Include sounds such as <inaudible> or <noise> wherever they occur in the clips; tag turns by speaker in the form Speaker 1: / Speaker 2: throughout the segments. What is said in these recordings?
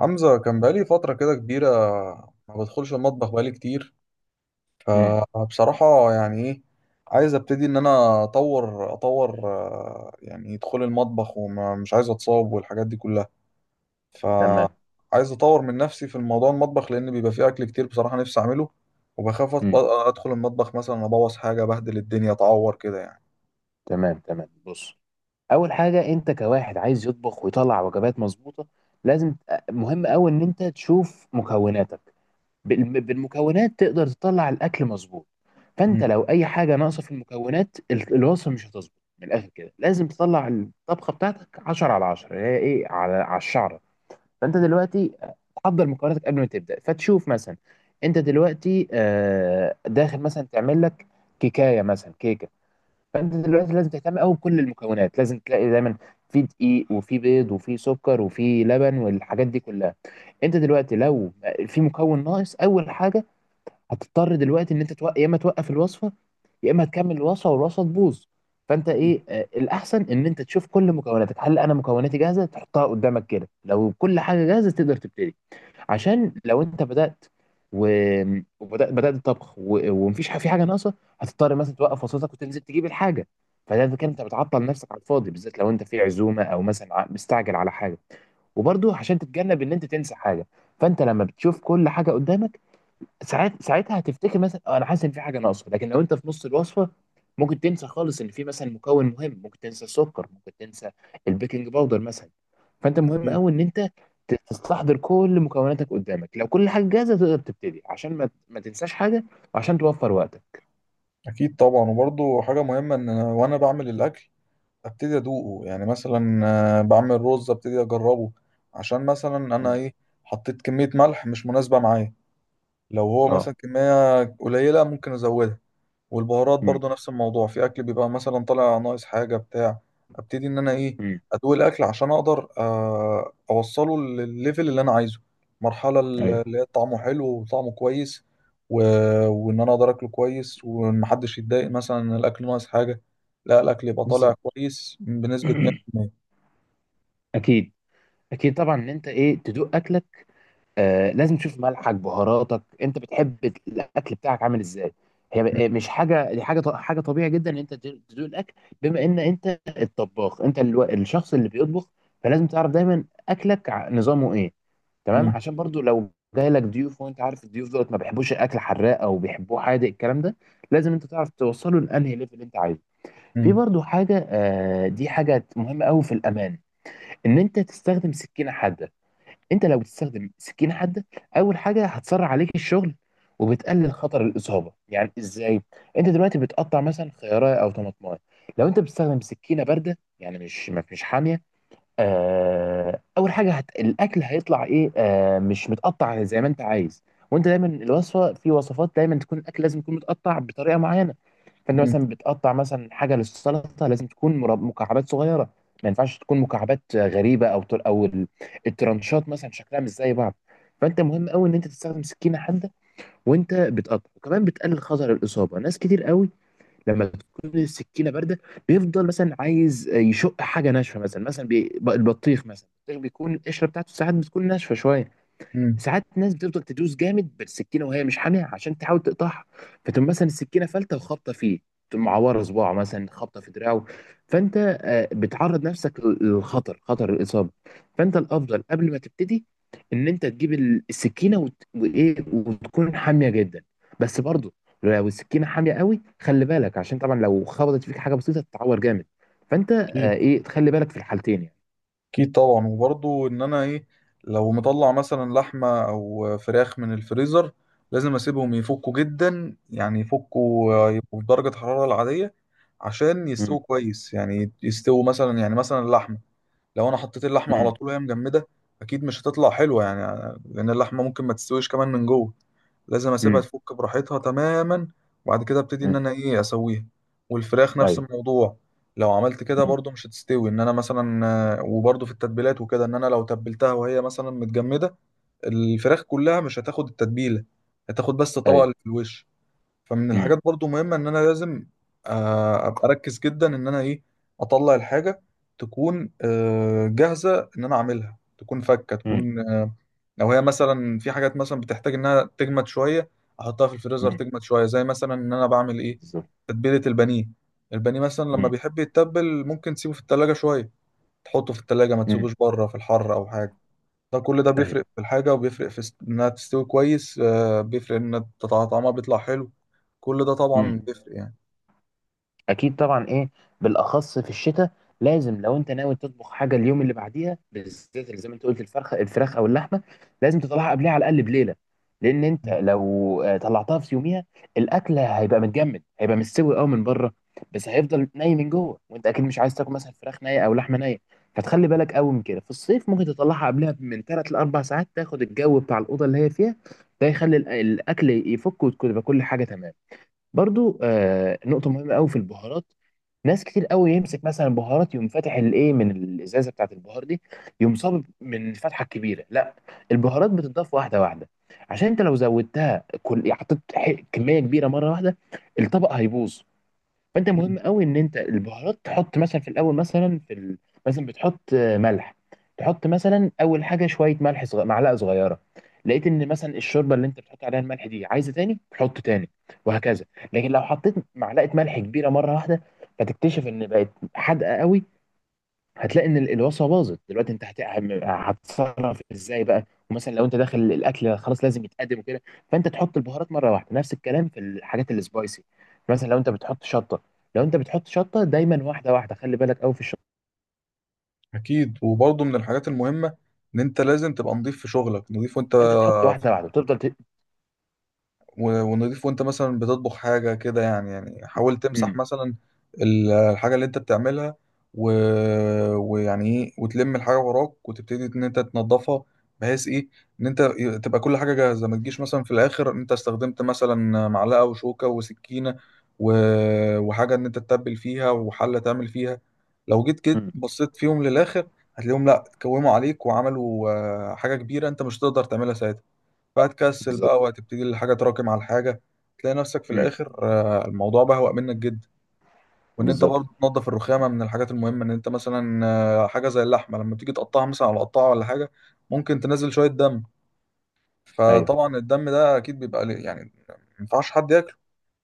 Speaker 1: حمزة كان بقالي فترة كده كبيرة، ما بدخلش المطبخ بقالي كتير.
Speaker 2: امم
Speaker 1: فبصراحة يعني ايه، عايز ابتدي ان انا اطور، يعني دخول المطبخ، ومش عايز اتصاب والحاجات دي كلها.
Speaker 2: تمام.
Speaker 1: فعايز اطور من نفسي في الموضوع المطبخ، لان بيبقى فيه اكل كتير بصراحة نفسي اعمله. وبخاف
Speaker 2: امم
Speaker 1: ادخل المطبخ مثلا ابوظ حاجة، بهدل الدنيا، اتعور كده يعني.
Speaker 2: تمام، تمام. بص، اول حاجه انت كواحد عايز يطبخ ويطلع وجبات مظبوطه، لازم. مهم قوي ان انت تشوف مكوناتك. بالمكونات تقدر تطلع الاكل مظبوط. فانت
Speaker 1: مم.
Speaker 2: لو اي حاجه ناقصه في المكونات، الوصفه مش هتظبط. من الاخر كده لازم تطلع الطبخه بتاعتك 10 على 10، هي ايه، على الشعره. فانت دلوقتي تحضر مكوناتك قبل ما تبدا، فتشوف مثلا انت دلوقتي داخل مثلا تعمل لك كيكايه، مثلا كيكه. فانت دلوقتي لازم تهتم قوي بكل المكونات، لازم تلاقي دايما في دقيق وفي بيض وفي سكر وفي لبن والحاجات دي كلها. انت دلوقتي لو في مكون ناقص، اول حاجه هتضطر دلوقتي ان انت يا اما توقف الوصفه، يا اما تكمل الوصفه والوصفه تبوظ. فانت ايه، الاحسن ان انت تشوف كل مكوناتك، هل انا مكوناتي جاهزه، تحطها قدامك كده، لو كل حاجه جاهزه تقدر تبتدي. عشان لو انت بدات وبدات الطبخ ومفيش في حاجه ناقصه، هتضطر مثلا توقف وصلتك وتنزل تجيب الحاجه. فده كده انت بتعطل نفسك على الفاضي، بالذات لو انت في عزومه او مثلا مستعجل على حاجه. وبرضه عشان تتجنب ان انت تنسى حاجه، فانت لما بتشوف كل حاجه قدامك، ساعات ساعتها هتفتكر مثلا، انا حاسس ان في حاجه ناقصه. لكن لو انت في نص الوصفه ممكن تنسى خالص ان في مثلا مكون مهم، ممكن تنسى السكر، ممكن تنسى البيكنج باودر مثلا. فانت مهم
Speaker 1: اكيد
Speaker 2: قوي ان انت تستحضر كل مكوناتك قدامك، لو كل حاجه جاهزه تقدر تبتدي، عشان ما تنساش حاجه، وعشان توفر وقتك.
Speaker 1: أكيد طبعا، وبرضه حاجة مهمة ان وانا بعمل الاكل ابتدي ادوقه. يعني مثلا بعمل رز ابتدي اجربه عشان مثلا انا
Speaker 2: مم.
Speaker 1: ايه، حطيت كمية ملح مش مناسبة معايا، لو هو
Speaker 2: اه.
Speaker 1: مثلا كمية قليلة ممكن ازودها. والبهارات
Speaker 2: امم.
Speaker 1: برضو نفس الموضوع، في اكل بيبقى مثلا طالع ناقص حاجه بتاع، ابتدي ان انا ايه،
Speaker 2: امم،
Speaker 1: ادوق الاكل عشان اقدر اوصله للليفل اللي انا عايزه، المرحله اللي
Speaker 2: ايوه،
Speaker 1: هي طعمه حلو وطعمه كويس. و... وان انا اقدر اكله كويس ومحدش يتضايق مثلا ان الاكل ناقص حاجه، لا الاكل يبقى طالع
Speaker 2: بالظبط.
Speaker 1: كويس بنسبه
Speaker 2: <clears throat>
Speaker 1: 100%.
Speaker 2: اكيد. اكيد طبعا ان انت ايه تدوق اكلك. لازم تشوف ملحك، بهاراتك، انت بتحب الاكل بتاعك عامل ازاي.
Speaker 1: م-
Speaker 2: هي مش حاجه، دي حاجه طبيعي جدا ان انت تدوق الاكل. بما ان انت الطباخ، انت الشخص اللي بيطبخ، فلازم تعرف دايما اكلك نظامه ايه. تمام.
Speaker 1: م-
Speaker 2: عشان برضو لو جاي لك ضيوف، وانت عارف الضيوف دول ما بيحبوش الاكل حراق او بيحبوه حادق، الكلام ده لازم انت تعرف توصله لانهي ليفل انت عايزه. في
Speaker 1: م-
Speaker 2: برضو حاجه، دي حاجه مهمه قوي في الامان، ان انت تستخدم سكينه حاده. انت لو بتستخدم سكينه حاده، اول حاجه هتسرع عليك الشغل، وبتقلل خطر الاصابه. يعني ازاي؟ انت دلوقتي بتقطع مثلا خياره او طماطمايه، لو انت بتستخدم سكينه بارده يعني مش مش حاميه، اول حاجه الاكل هيطلع ايه مش متقطع زي ما انت عايز. وانت دايما الوصفه، في وصفات دايما تكون الاكل لازم يكون متقطع بطريقه معينه. فانت
Speaker 1: م-
Speaker 2: مثلا بتقطع مثلا حاجه للسلطه، لازم تكون مكعبات صغيره. ما ينفعش تكون مكعبات غريبه، او او الترانشات مثلا شكلها مش زي بعض. فانت مهم قوي ان انت تستخدم سكينه حاده وانت بتقطع، وكمان بتقلل خطر الاصابه. ناس كتير قوي لما تكون السكينه بارده، بيفضل مثلا عايز يشق حاجه ناشفه، مثلا البطيخ مثلا، البطيخ بيكون القشره بتاعته ساعات بتكون ناشفه شويه،
Speaker 1: م-
Speaker 2: ساعات ناس بتفضل تدوس جامد بالسكينه وهي مش حاميه عشان تحاول تقطعها، فتقوم مثلا السكينه فلته وخابطه فيه، تقوم معوره صباعه مثلا، خابطه في دراعه. فانت بتعرض نفسك للخطر، خطر الاصابه. فانت الافضل قبل ما تبتدي ان انت تجيب السكينه وايه، وتكون حاميه جدا. بس برضو لو السكينه حاميه قوي، خلي بالك، عشان طبعا لو خبطت فيك حاجه بسيطه تتعور جامد. فانت
Speaker 1: اكيد
Speaker 2: ايه، تخلي بالك في الحالتين يعني.
Speaker 1: اكيد طبعا، وبرضه ان انا ايه، لو مطلع مثلا لحمه او فراخ من الفريزر لازم اسيبهم يفكوا جدا، يعني يفكوا يبقوا في درجه حراره العاديه عشان يستووا
Speaker 2: امم.
Speaker 1: كويس، يعني يستووا مثلا، يعني مثلا اللحمه لو انا حطيت اللحمه على طول وهي مجمده اكيد مش هتطلع حلوه، يعني لان اللحمه ممكن ما تستويش كمان من جوه. لازم اسيبها
Speaker 2: امم.
Speaker 1: تفك براحتها تماما وبعد كده ابتدي ان
Speaker 2: امم،
Speaker 1: انا ايه اسويها. والفراخ نفس
Speaker 2: ايوه.
Speaker 1: الموضوع، لو عملت كده
Speaker 2: مم.
Speaker 1: برضو مش هتستوي ان انا مثلا. وبرضو في التتبيلات وكده ان انا لو تبلتها وهي مثلا متجمده الفراخ كلها مش هتاخد التتبيله، هتاخد بس الطبقه
Speaker 2: ايوه.
Speaker 1: اللي في الوش. فمن
Speaker 2: مم.
Speaker 1: الحاجات برضو مهمة ان انا لازم ابقى اركز جدا ان انا ايه، اطلع الحاجة تكون جاهزة ان انا اعملها، تكون فكة
Speaker 2: مم.
Speaker 1: تكون لو هي مثلا في حاجات مثلا بتحتاج انها تجمد شوية احطها في الفريزر
Speaker 2: مم.
Speaker 1: تجمد شوية، زي مثلا ان انا بعمل ايه،
Speaker 2: بالظبط.
Speaker 1: تتبيلة البانيه. البانيه مثلا لما
Speaker 2: مم.
Speaker 1: بيحب يتبل ممكن تسيبه في التلاجة شوية، تحطه في التلاجة ما
Speaker 2: مم.
Speaker 1: تسيبوش بره في الحر او حاجة. ده كل ده
Speaker 2: طيب.
Speaker 1: بيفرق في الحاجة وبيفرق في إنها تستوي كويس، بيفرق إن طعمها بيطلع حلو. كل ده طبعا
Speaker 2: مم.
Speaker 1: بيفرق يعني.
Speaker 2: اكيد طبعا ايه، بالاخص في الشتاء لازم، لو انت ناوي تطبخ حاجه اليوم اللي بعديها، بالذات اللي زي ما انت قلت الفراخ او اللحمه، لازم تطلعها قبلها على الاقل بليله. لان انت
Speaker 1: مم.
Speaker 2: لو طلعتها في يوميها، الاكل هيبقى متجمد، هيبقى مستوي قوي من بره، بس هيفضل ني من جوه. وانت اكيد مش عايز تاكل مثلا فراخ نيه او لحمه نيه. فتخلي بالك قوي من كده. في الصيف ممكن تطلعها قبلها من 3 ل 4 ساعات، تاخد الجو بتاع الاوضه اللي هي فيها. ده يخلي الاكل يفك، وتكون يبقى كل حاجه تمام. برضو نقطة مهمة قوي في البهارات. ناس كتير قوي يمسك مثلا بهارات، يقوم فاتح الايه من الازازة بتاعت البهار دي، يقوم صاب من الفتحة الكبيرة. لا، البهارات بتضاف واحدة واحدة. عشان انت لو زودتها، كل حطيت كمية كبيرة مرة واحدة، الطبق هيبوظ. فانت مهم قوي ان انت البهارات تحط مثلا في الاول، مثلا مثلا بتحط ملح. تحط مثلا اول حاجه شويه ملح، معلقه صغيره. لقيت ان مثلا الشوربه اللي انت بتحط عليها الملح دي عايزه تاني، تحط تاني، وهكذا. لكن لو حطيت معلقه ملح كبيره مره واحده، فتكتشف ان بقت حادقه قوي، هتلاقي ان الوصفه باظت دلوقتي. انت هتتصرف ازاي بقى؟ ومثلا لو انت داخل الاكل خلاص لازم يتقدم وكده. فانت تحط البهارات مره واحده. نفس الكلام في الحاجات السبايسي، مثلا لو انت بتحط شطه، دايما واحده واحده، خلي بالك قوي في الشطه.
Speaker 1: أكيد وبرضه من الحاجات المهمة إن أنت لازم تبقى نضيف في شغلك، نضيف وأنت
Speaker 2: فانت تحط واحده واحده وتفضل
Speaker 1: ونضيف وانت مثلا بتطبخ حاجة كده يعني، يعني حاول تمسح
Speaker 2: امم.
Speaker 1: مثلا الحاجة اللي انت بتعملها. و... ويعني ايه وتلم الحاجة وراك وتبتدي ان انت تنظفها، بحيث ايه ان انت تبقى كل حاجة جاهزة، ما تجيش مثلا في الاخر انت استخدمت مثلا معلقة وشوكة وسكينة و... وحاجة ان انت تتبل فيها وحلة تعمل فيها، لو جيت كده
Speaker 2: امم،
Speaker 1: بصيت فيهم للاخر هتلاقيهم لا اتكوموا عليك وعملوا حاجة كبيرة انت مش هتقدر تعملها ساعتها، فهتكسل بقى
Speaker 2: بالظبط.
Speaker 1: وهتبتدي الحاجة تراكم على الحاجة، تلاقي نفسك في
Speaker 2: امم،
Speaker 1: الآخر الموضوع بهوأ منك جدا. وإن أنت
Speaker 2: بالظبط.
Speaker 1: برضه تنظف الرخامة من الحاجات المهمة، إن أنت مثلا حاجة زي اللحمة لما تيجي تقطعها مثلا على قطاعة ولا حاجة ممكن تنزل شوية دم،
Speaker 2: ايوه.
Speaker 1: فطبعا الدم ده أكيد بيبقى يعني ما ينفعش حد ياكله.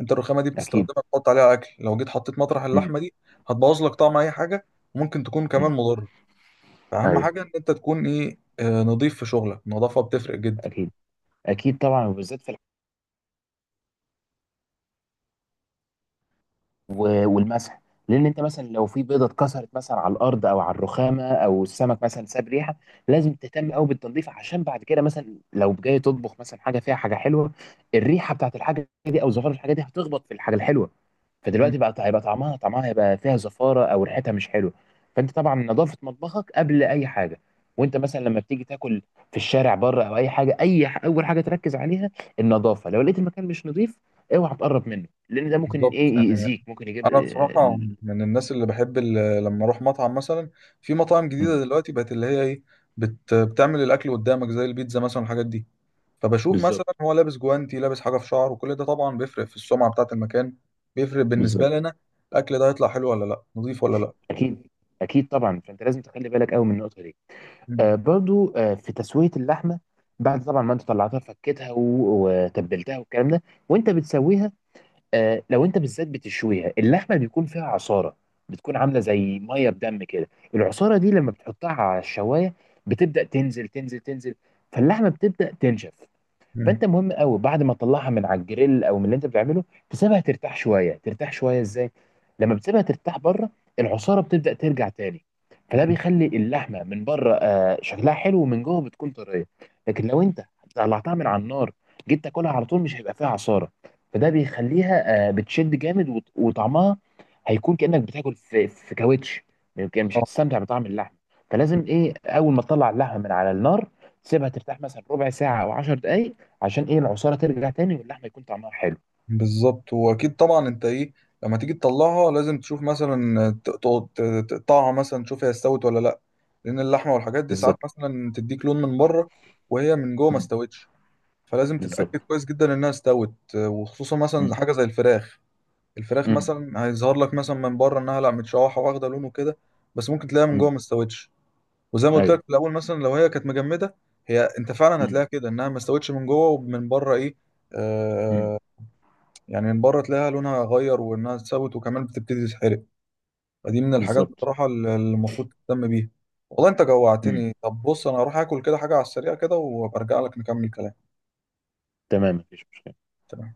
Speaker 1: أنت الرخامة دي
Speaker 2: اكيد.
Speaker 1: بتستخدمها تحط عليها أكل، لو جيت حطيت مطرح
Speaker 2: امم.
Speaker 1: اللحمة دي هتبوظ لك طعم أي حاجة، وممكن تكون
Speaker 2: امم،
Speaker 1: كمان مضرة. فأهم
Speaker 2: ايوه.
Speaker 1: حاجة إن أنت تكون إيه، نظيف في شغلك، النظافة بتفرق جدا.
Speaker 2: اكيد. اكيد طبعا، وبالذات في والمسح. لان انت مثلا لو في بيضه اتكسرت مثلا على الارض او على الرخامه، او السمك مثلا ساب ريحه، لازم تهتم قوي بالتنظيف. عشان بعد كده مثلا لو جاي تطبخ مثلا حاجه فيها حاجه حلوه، الريحه بتاعت الحاجه دي او زفار الحاجه دي هتخبط في الحاجه الحلوه،
Speaker 1: مم،
Speaker 2: فدلوقتي بقى هيبقى طعمها هيبقى فيها زفاره، او ريحتها مش حلوه. فانت طبعا نظافه مطبخك قبل اي حاجه. وانت مثلا لما بتيجي تاكل في الشارع بره او اي حاجه، اول حاجه تركز عليها النظافه. لو لقيت المكان مش نظيف، اوعى تقرب منه، لان ده ممكن
Speaker 1: بالظبط
Speaker 2: ايه
Speaker 1: يعني.
Speaker 2: يأذيك، ممكن يجيب
Speaker 1: انا بصراحه من الناس اللي بحب لما اروح مطعم مثلا، في مطاعم جديده
Speaker 2: مم.
Speaker 1: دلوقتي بقت اللي هي ايه، بتعمل الاكل قدامك زي البيتزا مثلا والحاجات دي. فبشوف
Speaker 2: بالظبط.
Speaker 1: مثلا هو لابس جوانتي لابس حاجه في شعره، وكل ده طبعا بيفرق في السمعه بتاعه المكان، بيفرق بالنسبه
Speaker 2: بالظبط.
Speaker 1: لنا الاكل ده هيطلع حلو ولا لا، نظيف ولا لا.
Speaker 2: اكيد. اكيد طبعا، فانت لازم تخلي بالك قوي من النقطه دي.
Speaker 1: مم.
Speaker 2: برضو في تسويه اللحمه، بعد طبعا ما انت طلعتها، فكيتها وتبلتها والكلام ده، وانت بتسويها، لو انت بالذات بتشويها، اللحمه بيكون فيها عصاره، بتكون عامله زي ميه بدم كده. العصاره دي لما بتحطها على الشوايه بتبدا تنزل تنزل تنزل، فاللحمه بتبدا تنشف.
Speaker 1: مم.
Speaker 2: فانت مهم قوي بعد ما تطلعها من على الجريل او من اللي انت بتعمله، تسيبها ترتاح شويه. ترتاح شويه ازاي؟ لما بتسيبها ترتاح بره، العصاره بتبدا ترجع تاني، فده
Speaker 1: مم.
Speaker 2: بيخلي اللحمه من بره شكلها حلو، ومن جوه بتكون طريه. لكن لو انت طلعتها من على النار، جيت تاكلها على طول، مش هيبقى فيها عصاره، فده بيخليها بتشد جامد، وطعمها هيكون كانك بتاكل في كاوتش، يمكن مش
Speaker 1: آه.
Speaker 2: هتستمتع بطعم اللحمه. فلازم ايه، اول ما تطلع اللحمه من على النار تسيبها ترتاح مثلا ربع ساعه او 10 دقائق، عشان ايه، العصاره ترجع تاني واللحمه يكون طعمها حلو.
Speaker 1: بالظبط واكيد طبعا انت ايه، لما تيجي تطلعها لازم تشوف مثلا تقعد تقطعها مثلا تشوف هي استوت ولا لا، لان اللحمه والحاجات دي ساعات
Speaker 2: بالظبط.
Speaker 1: مثلا تديك لون من بره وهي من جوه ما
Speaker 2: مم.
Speaker 1: استوتش. فلازم
Speaker 2: بالظبط.
Speaker 1: تتاكد كويس جدا انها استوت، وخصوصا مثلا
Speaker 2: مم.
Speaker 1: حاجه زي الفراخ. الفراخ
Speaker 2: مم.
Speaker 1: مثلا هيظهر لك مثلا من بره انها لا متشوحه واخده لون وكده، بس ممكن تلاقيها من جوه
Speaker 2: مم.
Speaker 1: ما استوتش. وزي ما قلت
Speaker 2: ايوه.
Speaker 1: لك في الاول مثلا لو هي كانت مجمده، هي انت فعلا
Speaker 2: مم.
Speaker 1: هتلاقيها كده انها ما استوتش من جوه ومن بره ايه،
Speaker 2: مم.
Speaker 1: يعني من بره تلاقيها لونها غير وانها اتسوت وكمان بتبتدي تتحرق. فدي من الحاجات
Speaker 2: بالظبط.
Speaker 1: بصراحه اللي المفروض تهتم بيها. والله انت
Speaker 2: مم.
Speaker 1: جوعتني، طب بص انا هروح اكل كده حاجه على السريع كده، وبرجع لك نكمل كلام.
Speaker 2: تمام، مفيش مشكله.
Speaker 1: تمام.